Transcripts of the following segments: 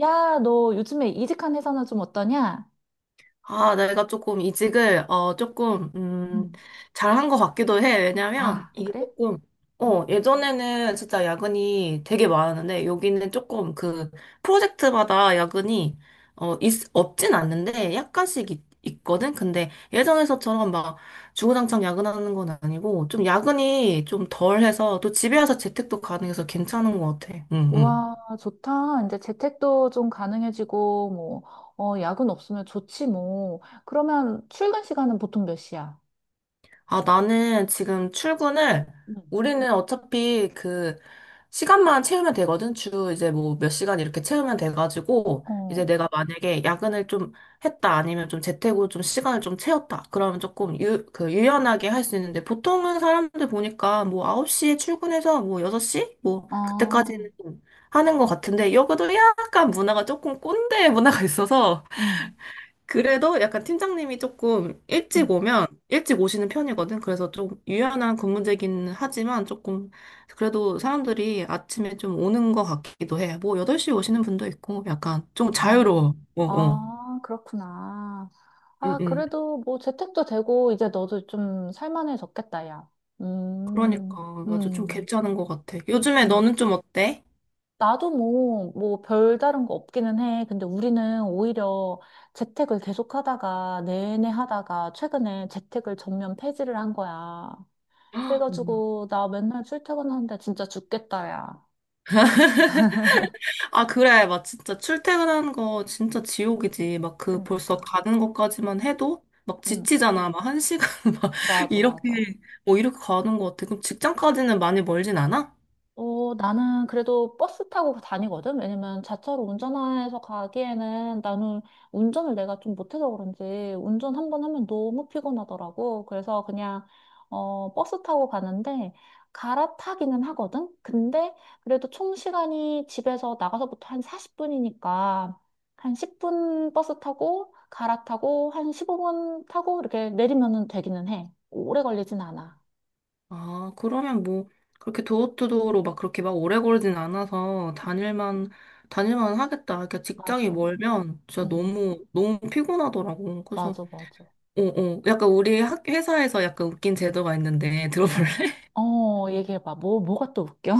야, 너 요즘에 이직한 회사는 좀 어떠냐? 아, 내가 조금 이직을, 조금, 음, 잘한 것 같기도 해. 왜냐면, 아, 이게 그래? 조금, 음. 예전에는 진짜 야근이 되게 많았는데, 여기는 조금 그, 프로젝트마다 야근이, 있, 없진 않는데, 약간씩 있거든? 근데 예전에서처럼 막, 주구장창 야근하는 건 아니고, 좀 야근이 좀 덜해서, 또 집에 와서 재택도 가능해서 괜찮은 것 같아. 응, 응. 우와, 좋다. 이제 재택도 좀 가능해지고, 뭐, 어, 야근 없으면 좋지, 뭐. 그러면 출근 시간은 보통 몇 시야? 아, 나는 지금 출근을, 음. 우리는 어차피 그, 시간만 채우면 되거든. 주 이제 뭐 몇 시간 이렇게 채우면 돼가지고, 이제 어, 내가 만약에 야근을 좀 했다, 아니면 좀 재택으로 좀 시간을 좀 채웠다. 그러면 조금 유, 그, 유연하게 할 수 있는데, 보통은 사람들 보니까 뭐 9시에 출근해서 뭐 6시? 뭐, 아, 그때까지는 좀 하는 것 같은데, 여기도 약간 문화가 조금 꼰대 문화가 있어서, 음, 그래도 약간 팀장님이 조금 일찍 음, 오면 일찍 오시는 편이거든. 그래서 좀 유연한 근무제긴 하지만 조금 그래도 사람들이 아침에 좀 오는 것 같기도 해. 뭐 8시에 오시는 분도 있고 약간 좀 어, 자유로워. 어, 어. 아, 그렇구나. 응, 아, 응. 그래도 뭐 재택도 되고, 이제 너도 좀 살만해졌겠다, 야. 음, 그러니까 맞아. 좀 음, 괜찮은 것 같아. 요즘에 음. 너는 좀 어때? 나도 뭐, 별다른 거 없기는 해. 근데 우리는 오히려 재택을 계속 하다가, 내내 하다가, 최근에 재택을 전면 폐지를 한 거야. 헉, 그래가지고, 나 맨날 출퇴근하는데 진짜 죽겠다, 야. 아, 그래. 막 진짜 출퇴근하는 거 진짜 지옥이지. 막 그 벌써 그니까. 가는 것까지만 해도 막 응, 지치잖아. 막 한 시간 막 맞아, 이렇게 맞아. 뭐 이렇게 가는 것 같아. 그럼 직장까지는 많이 멀진 않아? 어, 나는 그래도 버스 타고 다니거든? 왜냐면 자차로 운전해서 가기에는 나는 운전을 내가 좀 못해서 그런지 운전 한 번 하면 너무 피곤하더라고. 그래서 그냥, 어, 버스 타고 가는데 갈아타기는 하거든? 근데 그래도 총 시간이 집에서 나가서부터 한 40분이니까 한 10분 버스 타고 갈아타고 한 15분 타고 이렇게 내리면은 되기는 해. 오래 걸리진 않아. 아, 그러면 뭐 그렇게 도어투도어로 막 그렇게 막 오래 걸진 않아서 다닐만 하겠다. 그러니까 직장이 맞아. 멀면 진짜 응, 너무 너무 피곤하더라고. 그래서 맞아, 맞아. 어, 어. 약간 우리 학 회사에서 약간 웃긴 제도가 있는데 어, 들어볼래? 어, 얘기해봐. 뭐가 또 웃겨?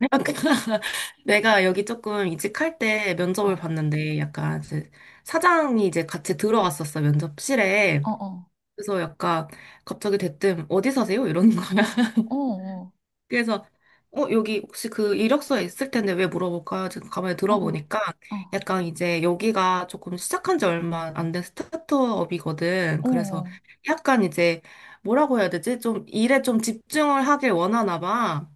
아까 내가 여기 조금 이직할 때 면접을 어, 봤는데 약간 이제 사장이 이제 같이 들어왔었어, 면접실에. 어, 어, 그래서 약간 갑자기 대뜸 어디 사세요? 이러는 거야. 어, 어, 그래서 여기 혹시 그 이력서에 있을 텐데 왜 물어볼까? 지금 가만히 어, 들어보니까 어, 약간 이제 여기가 조금 시작한 지 얼마 안 된 스타트업이거든. 어, 어, 그래서 어. 약간 이제 뭐라고 해야 되지? 좀 일에 좀 집중을 하길 원하나 봐.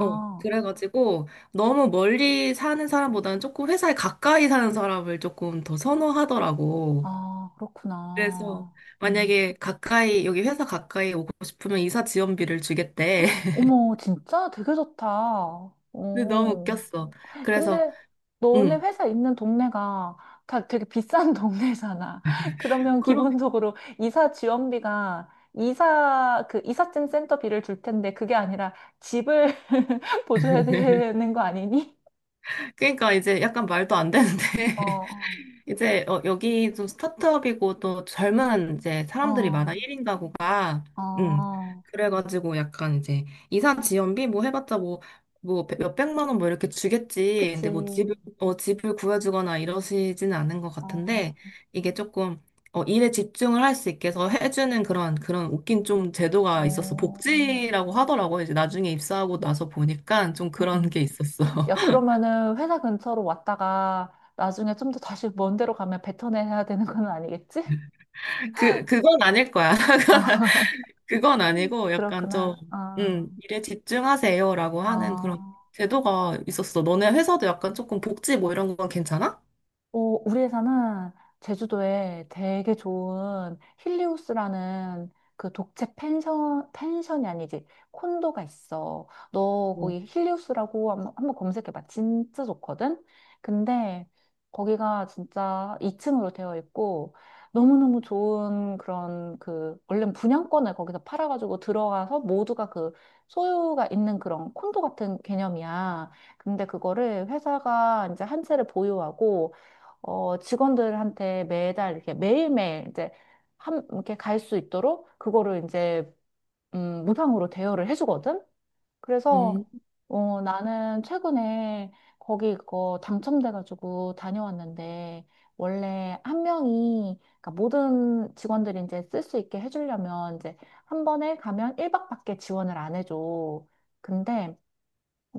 어, 그래가지고 너무 멀리 사는 사람보다는 조금 회사에 가까이 사는 사람을 조금 더 선호하더라고. 아, 그래서 그렇구나. 음. 만약에 가까이, 여기 회사 가까이 오고 싶으면 이사 지원비를 주겠대. 어머, 진짜 되게 좋다. 어. 근데 너무 웃겼어. 그래서, 근데 너네 응. 회사 있는 동네가 다 되게 비싼 동네잖아. 그러면 그러, 기본적으로 이사 지원비가 이사, 그 이삿짐 센터비를 줄 텐데 그게 아니라 집을 보조해야 되는 거 아니니? 그러니까 이제 약간 말도 안 되는데. 어. 어. 이제 여기 좀 스타트업이고 또 젊은 이제 사람들이 많아 어, 1인 가구가 음 어, 그래가지고 약간 이제 이사 지원비 뭐 해봤자 뭐 몇백만 원 뭐 이렇게 주겠지. 근데 뭐 그치. 집을 구해주거나 이러시지는 않은 것 어, 같은데, 이게 조금 일에 집중을 할 수 있게 해서 해주는 그런 웃긴 좀 제도가 있었어. 어, 복지라고 하더라고. 이제 나중에 입사하고 나서 보니까 좀 그런 음. 게 있었어. 야, 그러면은 회사 근처로 왔다가 나중에 좀 더 다시 먼 데로 가면 뱉어내야 되는 건 아니겠지? 그건 아닐 거야. 어, 그건 아니고 약간 그렇구나. 좀, 어, 일에 집중하세요라고 하는 그런 어. 제도가 있었어. 너네 회사도 약간 조금 복지 뭐 이런 건 괜찮아? 어, 우리 회사는 제주도에 되게 좋은 힐리우스라는 그 독채 펜션, 펜션이 아니지, 콘도가 있어. 너 거기 힐리우스라고 한번 검색해봐. 진짜 좋거든? 근데 거기가 진짜 2층으로 되어 있고, 너무너무 좋은 그런 그, 원래 분양권을 거기서 팔아가지고 들어가서 모두가 그 소유가 있는 그런 콘도 같은 개념이야. 근데 그거를 회사가 이제 한 채를 보유하고, 어, 직원들한테 매달 이렇게 매일매일 이제 한, 이렇게 갈 수 있도록 그거를 이제, 무상으로 대여를 해주거든? 응. 그래서, 음. 어, 나는 최근에 거기 그거 당첨돼가지고 다녀왔는데, 원래 한 명이, 그러니까 모든 직원들이 이제 쓸 수 있게 해주려면 이제 한 번에 가면 1박밖에 지원을 안 해줘. 근데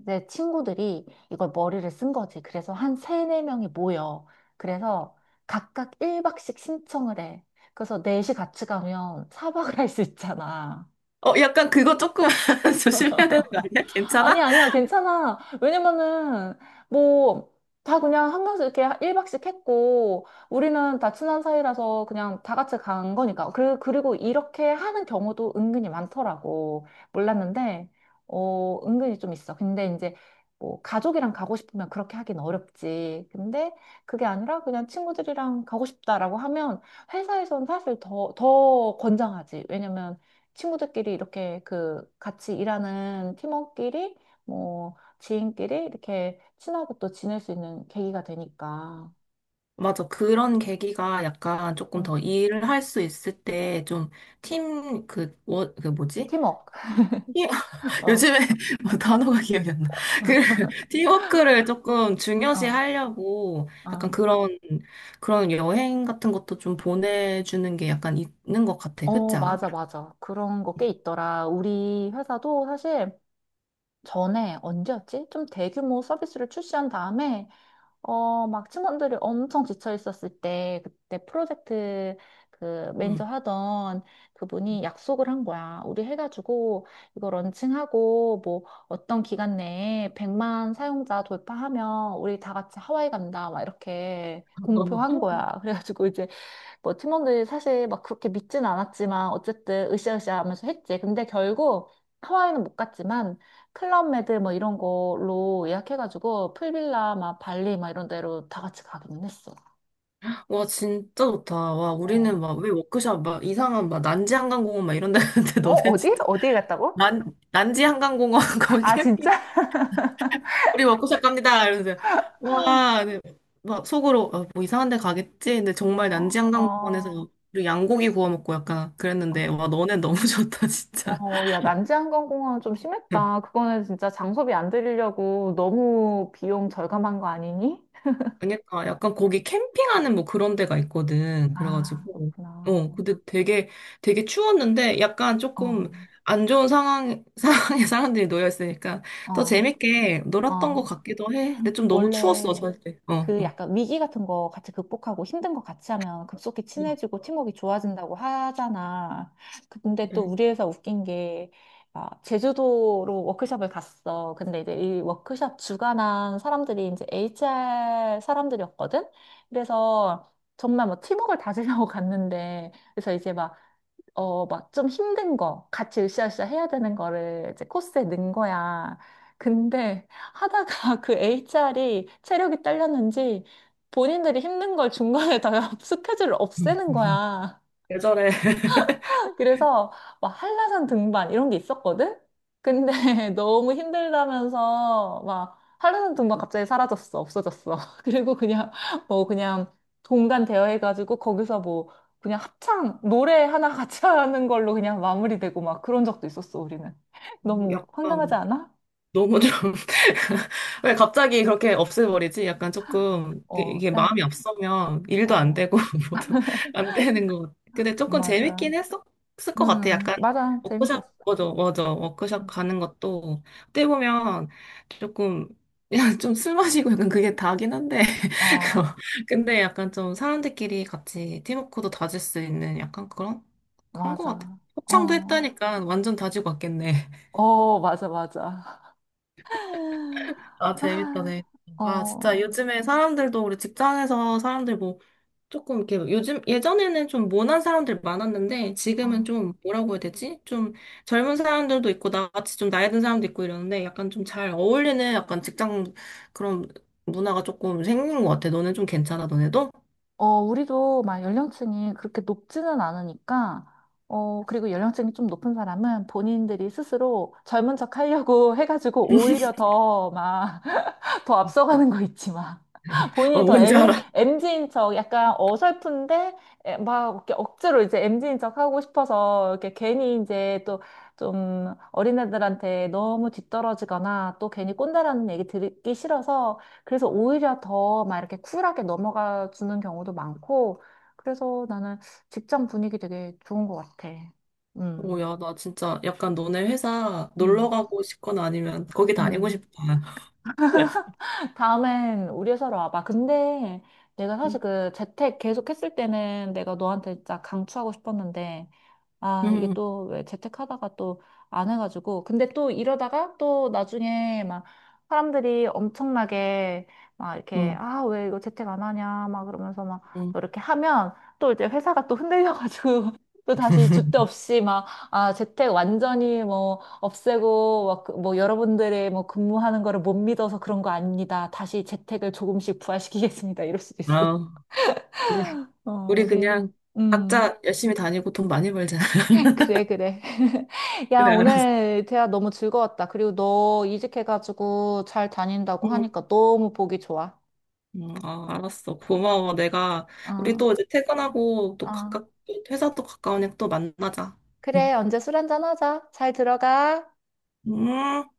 내 친구들이 이걸 머리를 쓴 거지. 그래서 한 세네 명이 모여. 그래서 각각 1박씩 신청을 해. 그래서 넷이 같이 가면 4박을 할 수 있잖아. 어, 약간 그거 조금 조심해야 되는 거 아니야? 아니, 괜찮아? 야 아니야, 괜찮아. 왜냐면은, 뭐, 다 그냥 한 명씩 이렇게 1박씩 했고, 우리는 다 친한 사이라서 그냥 다 같이 간 거니까. 그, 그리고 이렇게 하는 경우도 은근히 많더라고. 몰랐는데, 어, 은근히 좀 있어. 근데 이제, 뭐, 가족이랑 가고 싶으면 그렇게 하긴 어렵지. 근데 그게 아니라 그냥 친구들이랑 가고 싶다라고 하면 회사에선 사실 더 권장하지. 왜냐면, 친구들끼리 이렇게 그 같이 일하는 팀원끼리 뭐 지인끼리 이렇게 친하게 또 지낼 수 있는 계기가 되니까. 맞아. 그런 계기가 약간 조금 음, 더 일을 할 수 있을 때 좀 팀, 그, 워, 그 뭐지? 팀워크. 어, 요즘에 뭐 단어가 기억이 안 나. 그 팀워크를 조금 중요시 어, 하려고 약간 어. 그런 여행 같은 것도 좀 보내주는 게 약간 있는 것 같아. 어, 그렇지 않아? 맞아, 맞아. 그런 거 꽤 있더라. 우리 회사도 사실 전에 언제였지? 좀 대규모 서비스를 출시한 다음에 어, 막 팀원들이 엄청 지쳐 있었을 때, 그때 프로젝트 그 응. 매니저 하던 그분이 약속을 한 거야. 우리 해가지고 이거 런칭하고 뭐 어떤 기간 내에 100만 사용자 돌파하면 우리 다 같이 하와이 간다. 막 이렇게 공표한 거야. 그래가지고 이제 뭐 팀원들이 사실 막 그렇게 믿진 않았지만 어쨌든 으쌰으쌰 하면서 했지. 근데 결국 하와이는 못 갔지만 클럽메드 뭐 이런 걸로 예약해가지고 풀빌라 막 발리 막 이런 데로 다 같이 가기는 했어. 와 진짜 좋다. 와 우리는 어. 막 왜 워크숍 막 이상한 막 난지 한강공원 막 이런 데 갔는데 어, 너네 어디? 진짜 어디에 갔다고? 난 난지 한강공원 거기 아, 진짜? 우리 먹고 살 갑니다. 이러면서 와, 네. 막 속으로 아, 뭐 이상한 데 가겠지. 근데 정말 어. 난지한강공원에서 어, 우리 양고기 구워 먹고 약간 그랬는데 와 너네 너무 좋다 진짜. 어, 야, 난지항공공항 좀 심했다. 그거는 진짜 장소비 안 들이려고 너무 비용 절감한 거 아니니? 그러니까 약간 거기 캠핑하는 뭐 그런 데가 있거든. 아, 그래가지고 그렇구나. 근데 되게 되게 추웠는데 약간 어, 조금 안 좋은 상황 상황에 사람들이 놓여 있으니까 더 어, 재밌게 놀았던 것 어. 같기도 해. 근데 좀 너무 추웠어 원래, 사실. 어 그 어. 약간 위기 같은 거 같이 극복하고 힘든 거 같이 하면 급속히 어, 친해지고 팀워크가 좋아진다고 하잖아. 근데 또 그래. 우리 회사 웃긴 게, 아, 제주도로 워크숍을 갔어. 근데 이제 이 워크숍 주관한 사람들이 이제 HR 사람들이었거든? 그래서 정말 뭐 팀워크를 다지려고 갔는데, 그래서 이제 막 어, 막 좀 힘든 거, 같이 으쌰으쌰 해야 되는 거를 이제 코스에 넣은 거야. 근데 하다가 그 HR이 체력이 딸렸는지 본인들이 힘든 걸 중간에 다 스케줄을 없애는 거야. 계절에 그래서 막 한라산 등반 이런 게 있었거든? 근데 너무 힘들다면서 막 한라산 등반 갑자기 사라졌어. 없어졌어. 그리고 그냥 뭐 그냥 동반 대여해가지고 거기서 뭐 그냥 합창 노래 하나 같이 하는 걸로 그냥 마무리되고 막 그런 적도 있었어, 우리는. 너무 황당하지 약간 않아? 너무 좀, 왜 갑자기 그렇게 없애버리지? 약간 조금, 이게 어, 이게 야, 마음이 앞서면 일도 안 어, 되고, 뭐도 안 되는 것 같아. 근데 조금 맞아. 재밌긴 했었을 것 같아. 약간, 맞아. 재밌었어. 워크숍, 맞아, 맞아. 워크숍 음. 가는 것도, 어떻게 보면 조금, 그냥 좀 술 마시고 약간 그게 다긴 한데. 어, 근데 약간 좀 사람들끼리 같이 팀워크도 다질 수 있는 약간 그런 것 같아. 맞아. 합창도 어, 했다니까 완전 다지고 왔겠네. 어, 맞아, 맞아. 아, 재밌다, 아, 재밌다. 아, 진짜 어, 요즘에 사람들도 우리 직장에서 사람들 뭐 조금 이렇게 요즘 예전에는 좀 모난 사람들 많았는데 아. 지금은 어, 좀 뭐라고 해야 되지? 좀 젊은 사람들도 있고 나같이 좀 나이 든 사람도 있고 이러는데 약간 좀 잘 어울리는 약간 직장 그런 문화가 조금 생긴 것 같아. 너네 좀 괜찮아, 너네도? 어, 우리도 막 연령층이 그렇게 높지는 않으니까, 어, 그리고 연령층이 좀 높은 사람은 본인들이 스스로 젊은 척 하려고 해가지고 오히려 더막 더 앞서가는 거 있지만 어, 본인이 더 뭔지 M, 알아. 엠지인 척 약간 어설픈데 에, 막 이렇게 억지로 이제 m 지인 척 하고 싶어서 이렇게 괜히 이제 또 좀 어린애들한테 너무 뒤떨어지거나 또 괜히 꼰대라는 얘기 듣기 싫어서 그래서 오히려 더 막 이렇게 쿨하게 넘어가 주는 경우도 많고 그래서 나는 직장 분위기 되게 좋은 것 같아. 오, 음, 야, 나 진짜 약간 너네 회사 놀러 음. 가고 싶거나 아니면 거기 다니고 음. 싶다. 다음엔 우리 회사로 와봐. 근데 내가 사실 음, 그 재택 계속 했을 때는 내가 너한테 진짜 강추하고 싶었는데 아, 이게 또 왜 재택하다가 또 안 해가지고. 근데 또 이러다가 또 나중에 막 사람들이 엄청나게 막 이렇게, 음, 아, 왜 이거 재택 안 하냐, 막 그러면서 막 음. 또 이렇게 하면 또 이제 회사가 또 흔들려가지고 또 다시 줏대 없이 막, 아, 재택 완전히 뭐 없애고 막, 그- 뭐 여러분들의 뭐 근무하는 거를 못 믿어서 그런 거 아닙니다. 다시 재택을 조금씩 부활시키겠습니다. 이럴 수도 있어. 아. 어, 우리 우리 회사. 그냥 음. 각자 열심히 다니고 돈 많이 벌자. 그래, 그래. 야, 그래, 알았어. 오늘 대화 너무 즐거웠다. 그리고 너 이직해가지고 잘 다닌다고 응. 하니까 너무 보기 좋아. 응, 아, 알았어. 고마워. 내가, 우리 어, 또 이제 퇴근하고 또 어. 회사 또 가까우니까 또 만나자. 응. 그래, 언제 술 한잔 하자. 잘 들어가. 음.